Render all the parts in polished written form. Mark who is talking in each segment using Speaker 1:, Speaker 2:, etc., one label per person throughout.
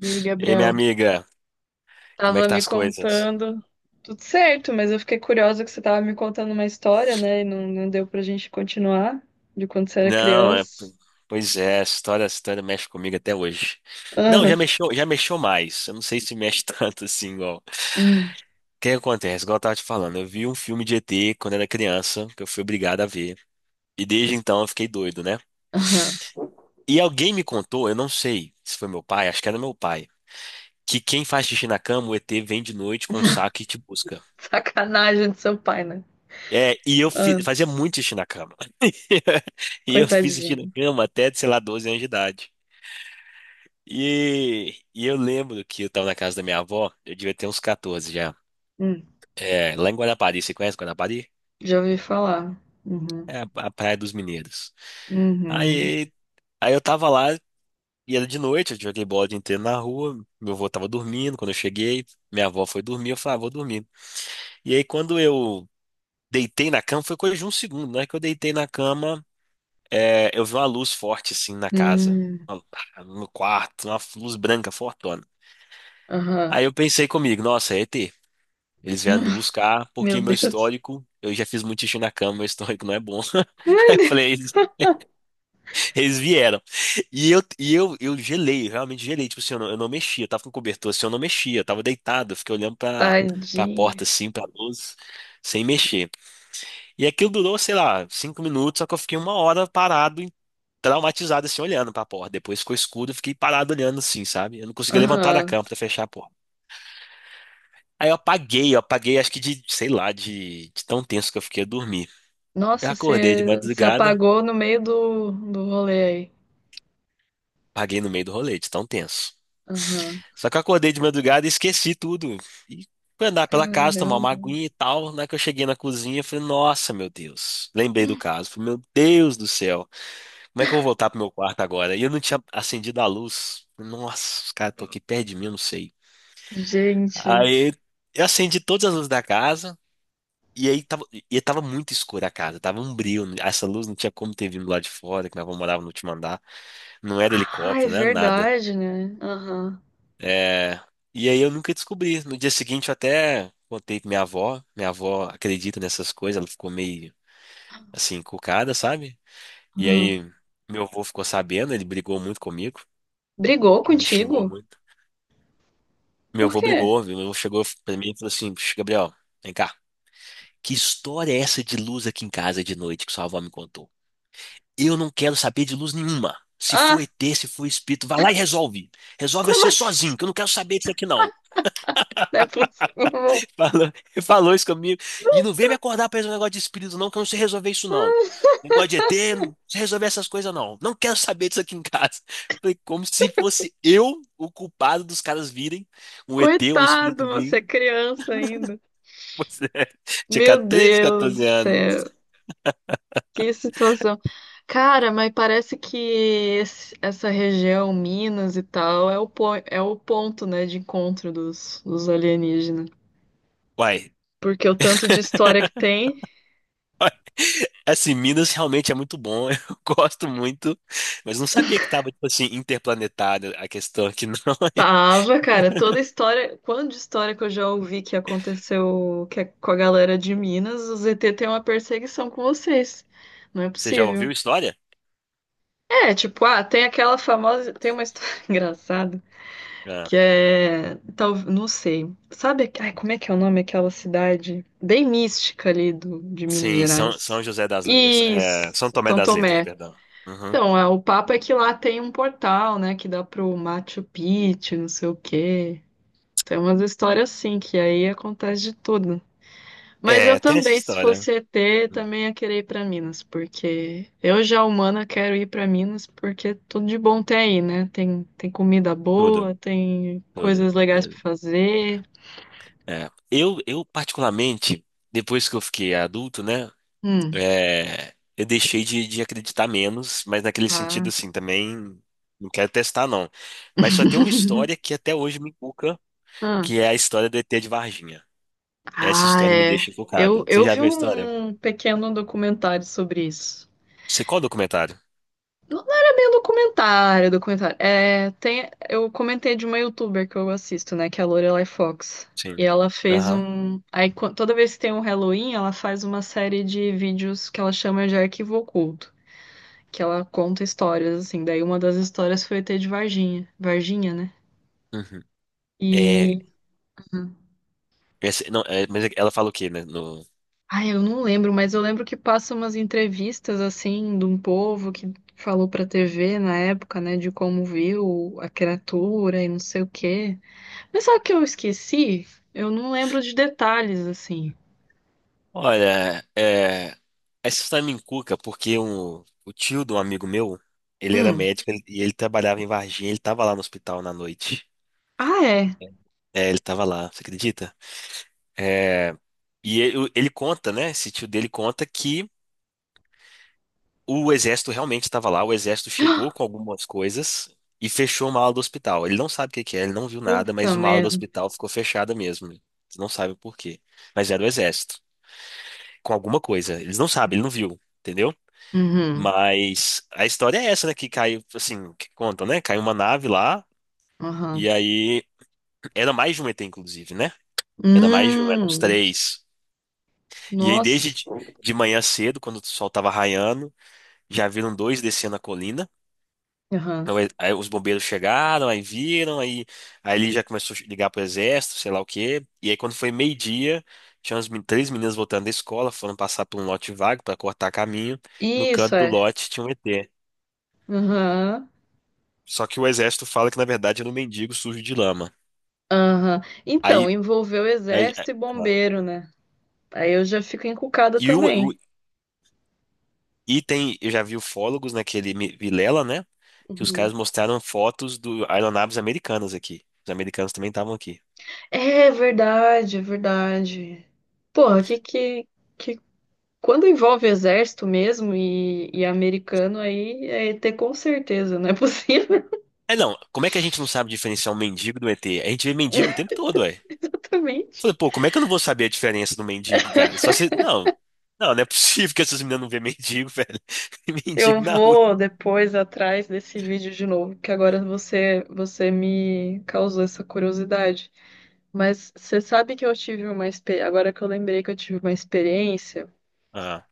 Speaker 1: E aí,
Speaker 2: E aí, minha
Speaker 1: Gabriel?
Speaker 2: amiga, como é que
Speaker 1: Tava
Speaker 2: tá
Speaker 1: me
Speaker 2: as coisas?
Speaker 1: contando. Tudo certo, mas eu fiquei curiosa que você tava me contando uma história, né? E não deu pra gente continuar de quando você era
Speaker 2: Não,
Speaker 1: criança.
Speaker 2: pois é, essa história mexe comigo até hoje. Não,
Speaker 1: Ah,
Speaker 2: já mexeu mais. Eu não sei se mexe tanto assim, igual.
Speaker 1: hum,
Speaker 2: O que acontece? Igual eu tava te falando, eu vi um filme de ET quando era criança, que eu fui obrigado a ver. E desde então eu fiquei doido, né?
Speaker 1: ah,
Speaker 2: E alguém me contou, eu não sei se foi meu pai, acho que era meu pai, que quem faz xixi na cama, o ET vem de noite com um saco e te busca.
Speaker 1: sacanagem do seu pai, né?
Speaker 2: É, e eu
Speaker 1: Ah,
Speaker 2: fazia muito xixi na cama. E eu fiz xixi na
Speaker 1: coitadinho.
Speaker 2: cama até, sei lá, 12 anos de idade. E eu lembro que eu tava na casa da minha avó, eu devia ter uns 14 já.
Speaker 1: Hum,
Speaker 2: É, lá em Guarapari, você conhece Guarapari?
Speaker 1: já ouvi falar. Uhum.
Speaker 2: É a Praia dos Mineiros.
Speaker 1: Uhum.
Speaker 2: Aí, aí, eu tava lá, e era de noite, eu joguei bola o dia inteiro na rua, meu avô tava dormindo, quando eu cheguei, minha avó foi dormir, eu falei, ah, vou dormir. E aí quando eu deitei na cama, foi coisa de um segundo, né? Que eu deitei na cama, eu vi uma luz forte assim na casa,
Speaker 1: Hum,
Speaker 2: no quarto, uma luz branca fortona.
Speaker 1: aham.
Speaker 2: Aí eu pensei comigo, nossa, é ET. Eles vieram me buscar
Speaker 1: Meu
Speaker 2: porque meu
Speaker 1: Deus.
Speaker 2: histórico, eu já fiz muito xixi na cama, meu histórico não é bom. Aí eu falei, eles vieram. Eu gelei, eu realmente gelei. Tipo assim, eu não mexia, eu tava com cobertor assim, eu não mexia, eu tava deitado, eu fiquei olhando pra
Speaker 1: Tadinho.
Speaker 2: porta assim, pra luz, sem mexer. E aquilo durou, sei lá, cinco minutos, só que eu fiquei uma hora parado traumatizado assim, olhando pra porta. Depois ficou escuro, eu fiquei parado olhando assim, sabe? Eu não conseguia levantar da
Speaker 1: Aham.
Speaker 2: cama pra fechar a porta. Aí eu apaguei, acho que de, sei lá, de tão tenso que eu fiquei a dormir. Eu
Speaker 1: Nossa,
Speaker 2: acordei de
Speaker 1: você se
Speaker 2: madrugada,
Speaker 1: apagou no meio do rolê aí.
Speaker 2: apaguei no meio do rolê, de tão tenso.
Speaker 1: Aham.
Speaker 2: Só que eu acordei de madrugada e esqueci tudo. E fui andar pela casa, tomar
Speaker 1: Caramba.
Speaker 2: uma aguinha e tal. Na hora que eu cheguei na cozinha, eu falei, nossa, meu Deus. Lembrei do caso. Falei, meu Deus do céu. Como é que eu vou voltar pro meu quarto agora? E eu não tinha acendido a luz. Nossa, os caras estão aqui perto de mim, eu não sei.
Speaker 1: Gente.
Speaker 2: Aí eu acendi todas as luzes da casa e aí tava, e tava muito escura a casa, tava um brilho. Essa luz não tinha como ter vindo lá de fora, que nós morava no último andar. Não era
Speaker 1: Ah, é
Speaker 2: helicóptero, não era nada.
Speaker 1: verdade, né? Aham.
Speaker 2: É, E aí eu nunca descobri. No dia seguinte eu até contei pra minha avó. Minha avó acredita nessas coisas, ela ficou meio assim, encucada, sabe? E
Speaker 1: Hum.
Speaker 2: aí meu avô ficou sabendo, ele brigou muito comigo,
Speaker 1: Brigou
Speaker 2: ele me xingou
Speaker 1: contigo?
Speaker 2: muito. Meu
Speaker 1: Por
Speaker 2: avô
Speaker 1: quê?
Speaker 2: brigou, meu avô chegou pra mim e falou assim, "Puxa, Gabriel, vem cá. Que história é essa de luz aqui em casa de noite que sua avó me contou? Eu não quero saber de luz nenhuma. Se for
Speaker 1: Ah,
Speaker 2: ET, se for espírito, vai lá e resolve. Resolve
Speaker 1: como
Speaker 2: você sozinho,
Speaker 1: assim?
Speaker 2: que eu não quero saber disso aqui, não.
Speaker 1: Não é possível.
Speaker 2: Fala- falou isso comigo. E não vem me acordar pra esse negócio de espírito, não, que eu não sei resolver isso, não. Negócio de ET, não sei resolver essas coisas, não. Não quero saber disso aqui em casa. Foi como se fosse eu o culpado dos caras virem, um ET ou
Speaker 1: Coitado,
Speaker 2: espírito
Speaker 1: você
Speaker 2: vir."
Speaker 1: é criança ainda.
Speaker 2: Você é, tinha
Speaker 1: Meu
Speaker 2: 13,
Speaker 1: Deus do
Speaker 2: 14 anos.
Speaker 1: céu. Que situação. Cara, mas parece que essa região, Minas e tal, é é o ponto, né, de encontro dos alienígenas.
Speaker 2: Uai.
Speaker 1: Porque o tanto de história que tem.
Speaker 2: Assim, Minas realmente é muito bom, eu gosto muito, mas não sabia que tava, tipo assim, interplanetário a questão aqui, não.
Speaker 1: Tava, cara, toda história, quando de história que eu já ouvi que aconteceu que é com a galera de Minas, o ZT tem uma perseguição com vocês. Não é
Speaker 2: Você já
Speaker 1: possível.
Speaker 2: ouviu história?
Speaker 1: É, tipo, ah, tem aquela famosa, tem uma história engraçada
Speaker 2: É.
Speaker 1: que é, tal, não sei. Sabe, ai, como é que é o nome daquela cidade bem mística ali de Minas Gerais? Isso,
Speaker 2: São Tomé
Speaker 1: São
Speaker 2: das Letras,
Speaker 1: Tomé.
Speaker 2: perdão. Uhum.
Speaker 1: Então, é, o papo é que lá tem um portal, né, que dá pro Machu Picchu, não sei o quê. Tem umas histórias assim, que aí acontece de tudo. Mas eu
Speaker 2: É, tem essa
Speaker 1: também, se
Speaker 2: história.
Speaker 1: fosse E T,
Speaker 2: Hum.
Speaker 1: também ia querer ir pra Minas, porque eu já humana quero ir pra Minas, porque tudo de bom tem aí, né? Tem, tem comida
Speaker 2: Tudo,
Speaker 1: boa, tem
Speaker 2: tudo,
Speaker 1: coisas legais
Speaker 2: tudo.
Speaker 1: pra fazer.
Speaker 2: É. Eu particularmente, depois que eu fiquei adulto, né,
Speaker 1: Hum,
Speaker 2: eu deixei de acreditar menos, mas naquele sentido,
Speaker 1: ah.
Speaker 2: assim, também não quero testar, não. Mas só tem uma história que até hoje me inculca,
Speaker 1: Ah,
Speaker 2: que é a história do ET de Varginha. Essa
Speaker 1: ah,
Speaker 2: história me
Speaker 1: é.
Speaker 2: deixa
Speaker 1: Eu,
Speaker 2: encucado. Você
Speaker 1: eu
Speaker 2: já
Speaker 1: vi
Speaker 2: viu a história?
Speaker 1: um pequeno documentário sobre isso.
Speaker 2: Você qual documentário?
Speaker 1: Não era bem um documentário, documentário. É, tem, eu comentei de uma youtuber que eu assisto, né, que é a Lorelai Fox. E
Speaker 2: Sim.
Speaker 1: ela fez
Speaker 2: Aham.
Speaker 1: um. Aí, toda vez que tem um Halloween, ela faz uma série de vídeos que ela chama de arquivo oculto, que ela conta histórias, assim. Daí uma das histórias foi o ET de Varginha, Varginha, né?
Speaker 2: Uhum. É,
Speaker 1: E.
Speaker 2: essa- não, é, mas ela fala o quê, né? No,
Speaker 1: Ai, eu não lembro, mas eu lembro que passam umas entrevistas, assim, de um povo que falou pra TV na época, né, de como viu a criatura e não sei o quê. Mas sabe o que eu esqueci? Eu não lembro de detalhes, assim.
Speaker 2: olha, é, essa história me encuca porque um, o tio de um amigo meu, ele era
Speaker 1: Hum.
Speaker 2: médico e ele trabalhava em Varginha, ele tava lá no hospital na noite.
Speaker 1: Ah, é.
Speaker 2: É, ele tava lá, você acredita? É, e ele conta, né? Esse tio dele conta que o exército realmente estava lá, o exército chegou com algumas coisas e fechou uma ala do hospital. Ele não sabe o que que é, ele não viu nada,
Speaker 1: Puta
Speaker 2: mas uma ala do
Speaker 1: merda.
Speaker 2: hospital ficou fechada mesmo. Você não sabe por quê. Mas era o exército, com alguma coisa. Eles não sabem, ele não viu, entendeu?
Speaker 1: Uhum.
Speaker 2: Mas a história é essa, né? Que caiu, assim, que contam, né? Caiu uma nave lá,
Speaker 1: Aham.
Speaker 2: e aí era mais de um ET, inclusive, né? Era mais de um, eram uns
Speaker 1: Hum.
Speaker 2: três. E aí, desde
Speaker 1: Nossa.
Speaker 2: de manhã cedo, quando o sol tava raiando, já viram dois descendo a colina.
Speaker 1: Aham.
Speaker 2: Então, aí os bombeiros chegaram, aí viram, aí ele já começou a ligar pro exército, sei lá o quê. E aí, quando foi meio-dia, tinha umas três meninas voltando da escola, foram passar por um lote vago para cortar caminho. No
Speaker 1: Isso
Speaker 2: canto do
Speaker 1: é.
Speaker 2: lote tinha um ET.
Speaker 1: Aham.
Speaker 2: Só que o exército fala que, na verdade, era um mendigo sujo de lama.
Speaker 1: Aham. Então,
Speaker 2: Aí,
Speaker 1: envolveu
Speaker 2: aí- aí-
Speaker 1: exército e
Speaker 2: ó.
Speaker 1: bombeiro, né? Aí eu já fico encucada
Speaker 2: e, o, o-
Speaker 1: também.
Speaker 2: e tem, eu já vi ufólogos naquele Vilela, né? Que os
Speaker 1: Uhum.
Speaker 2: caras mostraram fotos do aeronaves americanas aqui. Os americanos também estavam aqui.
Speaker 1: É verdade, é verdade. Porra, que quando envolve exército mesmo e americano, aí é ET com certeza, não é possível.
Speaker 2: É não, como é que a gente não sabe diferenciar um mendigo do ET? A gente vê mendigo o tempo todo, ué.
Speaker 1: Exatamente.
Speaker 2: Falei, pô, como é que eu não vou saber a diferença do mendigo, cara? Só se. Não, não, não é possível que essas meninas não vejam mendigo, velho.
Speaker 1: Eu
Speaker 2: Mendigo na rua.
Speaker 1: vou depois atrás desse vídeo de novo, que agora você me causou essa curiosidade. Mas você sabe que eu tive uma experiência, agora que eu lembrei que eu tive uma experiência,
Speaker 2: Ah,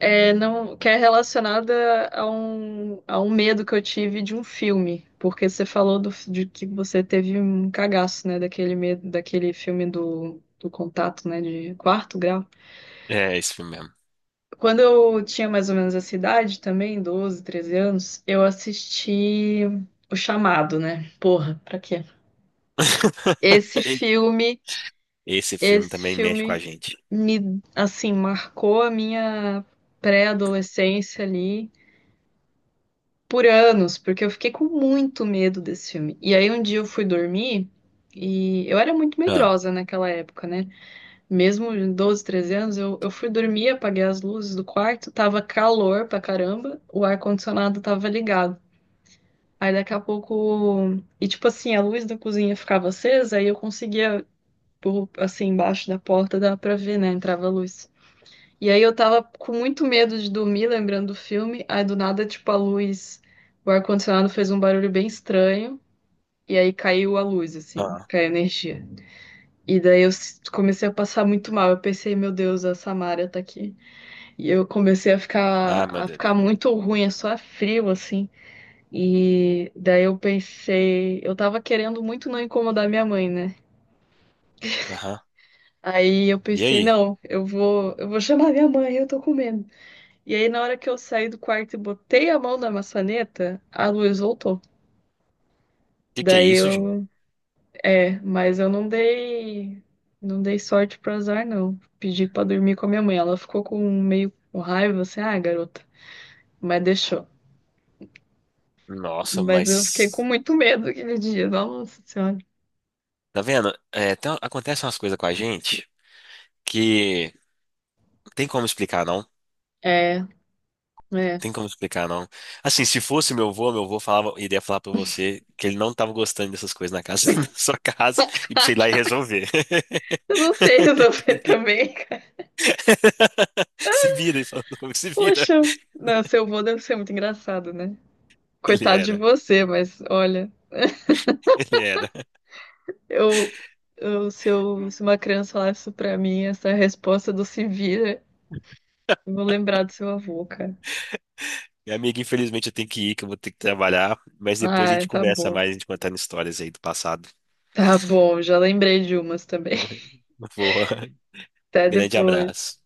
Speaker 1: não que é relacionada a um medo que eu tive de um filme, porque você falou de que você teve um cagaço, né, daquele medo, daquele filme do contato, né, de quarto grau.
Speaker 2: é esse filme mesmo.
Speaker 1: Quando eu tinha mais ou menos essa idade também, 12, 13 anos, eu assisti O Chamado, né? Porra, pra quê? Esse filme,
Speaker 2: Esse filme
Speaker 1: esse
Speaker 2: também mexe com a
Speaker 1: filme
Speaker 2: gente.
Speaker 1: me, assim, marcou a minha pré-adolescência ali por anos, porque eu fiquei com muito medo desse filme. E aí um dia eu fui dormir e eu era muito
Speaker 2: Ah,
Speaker 1: medrosa naquela época, né? Mesmo em 12, 13 anos, eu fui dormir, apaguei as luzes do quarto, tava calor pra caramba, o ar-condicionado tava ligado. Aí daqui a pouco. E tipo assim, a luz da cozinha ficava acesa, aí eu conseguia, assim, embaixo da porta, dava pra ver, né? Entrava a luz. E aí eu tava com muito medo de dormir, lembrando do filme, aí do nada, tipo, a luz. O ar-condicionado fez um barulho bem estranho, e aí caiu a luz, assim,
Speaker 2: ah,
Speaker 1: caiu a energia. E daí comecei a passar muito mal. Eu pensei, meu Deus, a Samara tá aqui. E eu comecei a ficar,
Speaker 2: ah, meu
Speaker 1: a ficar
Speaker 2: Deus.
Speaker 1: muito ruim, é só frio, assim. E daí eu pensei, eu tava querendo muito não incomodar minha mãe, né?
Speaker 2: Aham.
Speaker 1: Aí eu
Speaker 2: E
Speaker 1: pensei,
Speaker 2: aí? O
Speaker 1: não, eu vou chamar minha mãe, eu tô com medo. E aí na hora que eu saí do quarto e botei a mão na maçaneta, a luz voltou.
Speaker 2: que que é
Speaker 1: Daí
Speaker 2: isso, gente?
Speaker 1: eu, é, mas eu não dei, não dei sorte pro azar, não. Pedi pra dormir com a minha mãe, ela ficou com meio com raiva, assim, ah, garota, mas deixou.
Speaker 2: Nossa,
Speaker 1: Mas eu fiquei com
Speaker 2: mas.
Speaker 1: muito medo aquele dia. Nossa Senhora.
Speaker 2: Tá vendo? É, tem- acontecem umas coisas com a gente que não tem como explicar, não.
Speaker 1: É, é.
Speaker 2: Tem como explicar, não. Assim, se fosse meu avô falava, iria falar pra você que ele não tava gostando dessas coisas na casa, na sua casa, e pra você ir lá e resolver.
Speaker 1: Eu não sei resolver
Speaker 2: Entendeu?
Speaker 1: também, cara.
Speaker 2: Se vira, ele falando comigo, se vira.
Speaker 1: Poxa, não, seu avô deve ser muito engraçado, né?
Speaker 2: Ele
Speaker 1: Coitado de
Speaker 2: era,
Speaker 1: você, mas olha,
Speaker 2: ele era.
Speaker 1: eu, se uma criança falar isso pra mim, essa resposta do se vira, eu vou lembrar do seu avô, cara.
Speaker 2: Minha amiga, infelizmente eu tenho que ir, que eu vou ter que trabalhar, mas depois a
Speaker 1: Ah,
Speaker 2: gente
Speaker 1: tá
Speaker 2: conversa
Speaker 1: bom.
Speaker 2: mais, a gente contando histórias aí do passado.
Speaker 1: Tá bom, já lembrei de umas também.
Speaker 2: Boa.
Speaker 1: Até
Speaker 2: Grande
Speaker 1: depois.
Speaker 2: abraço.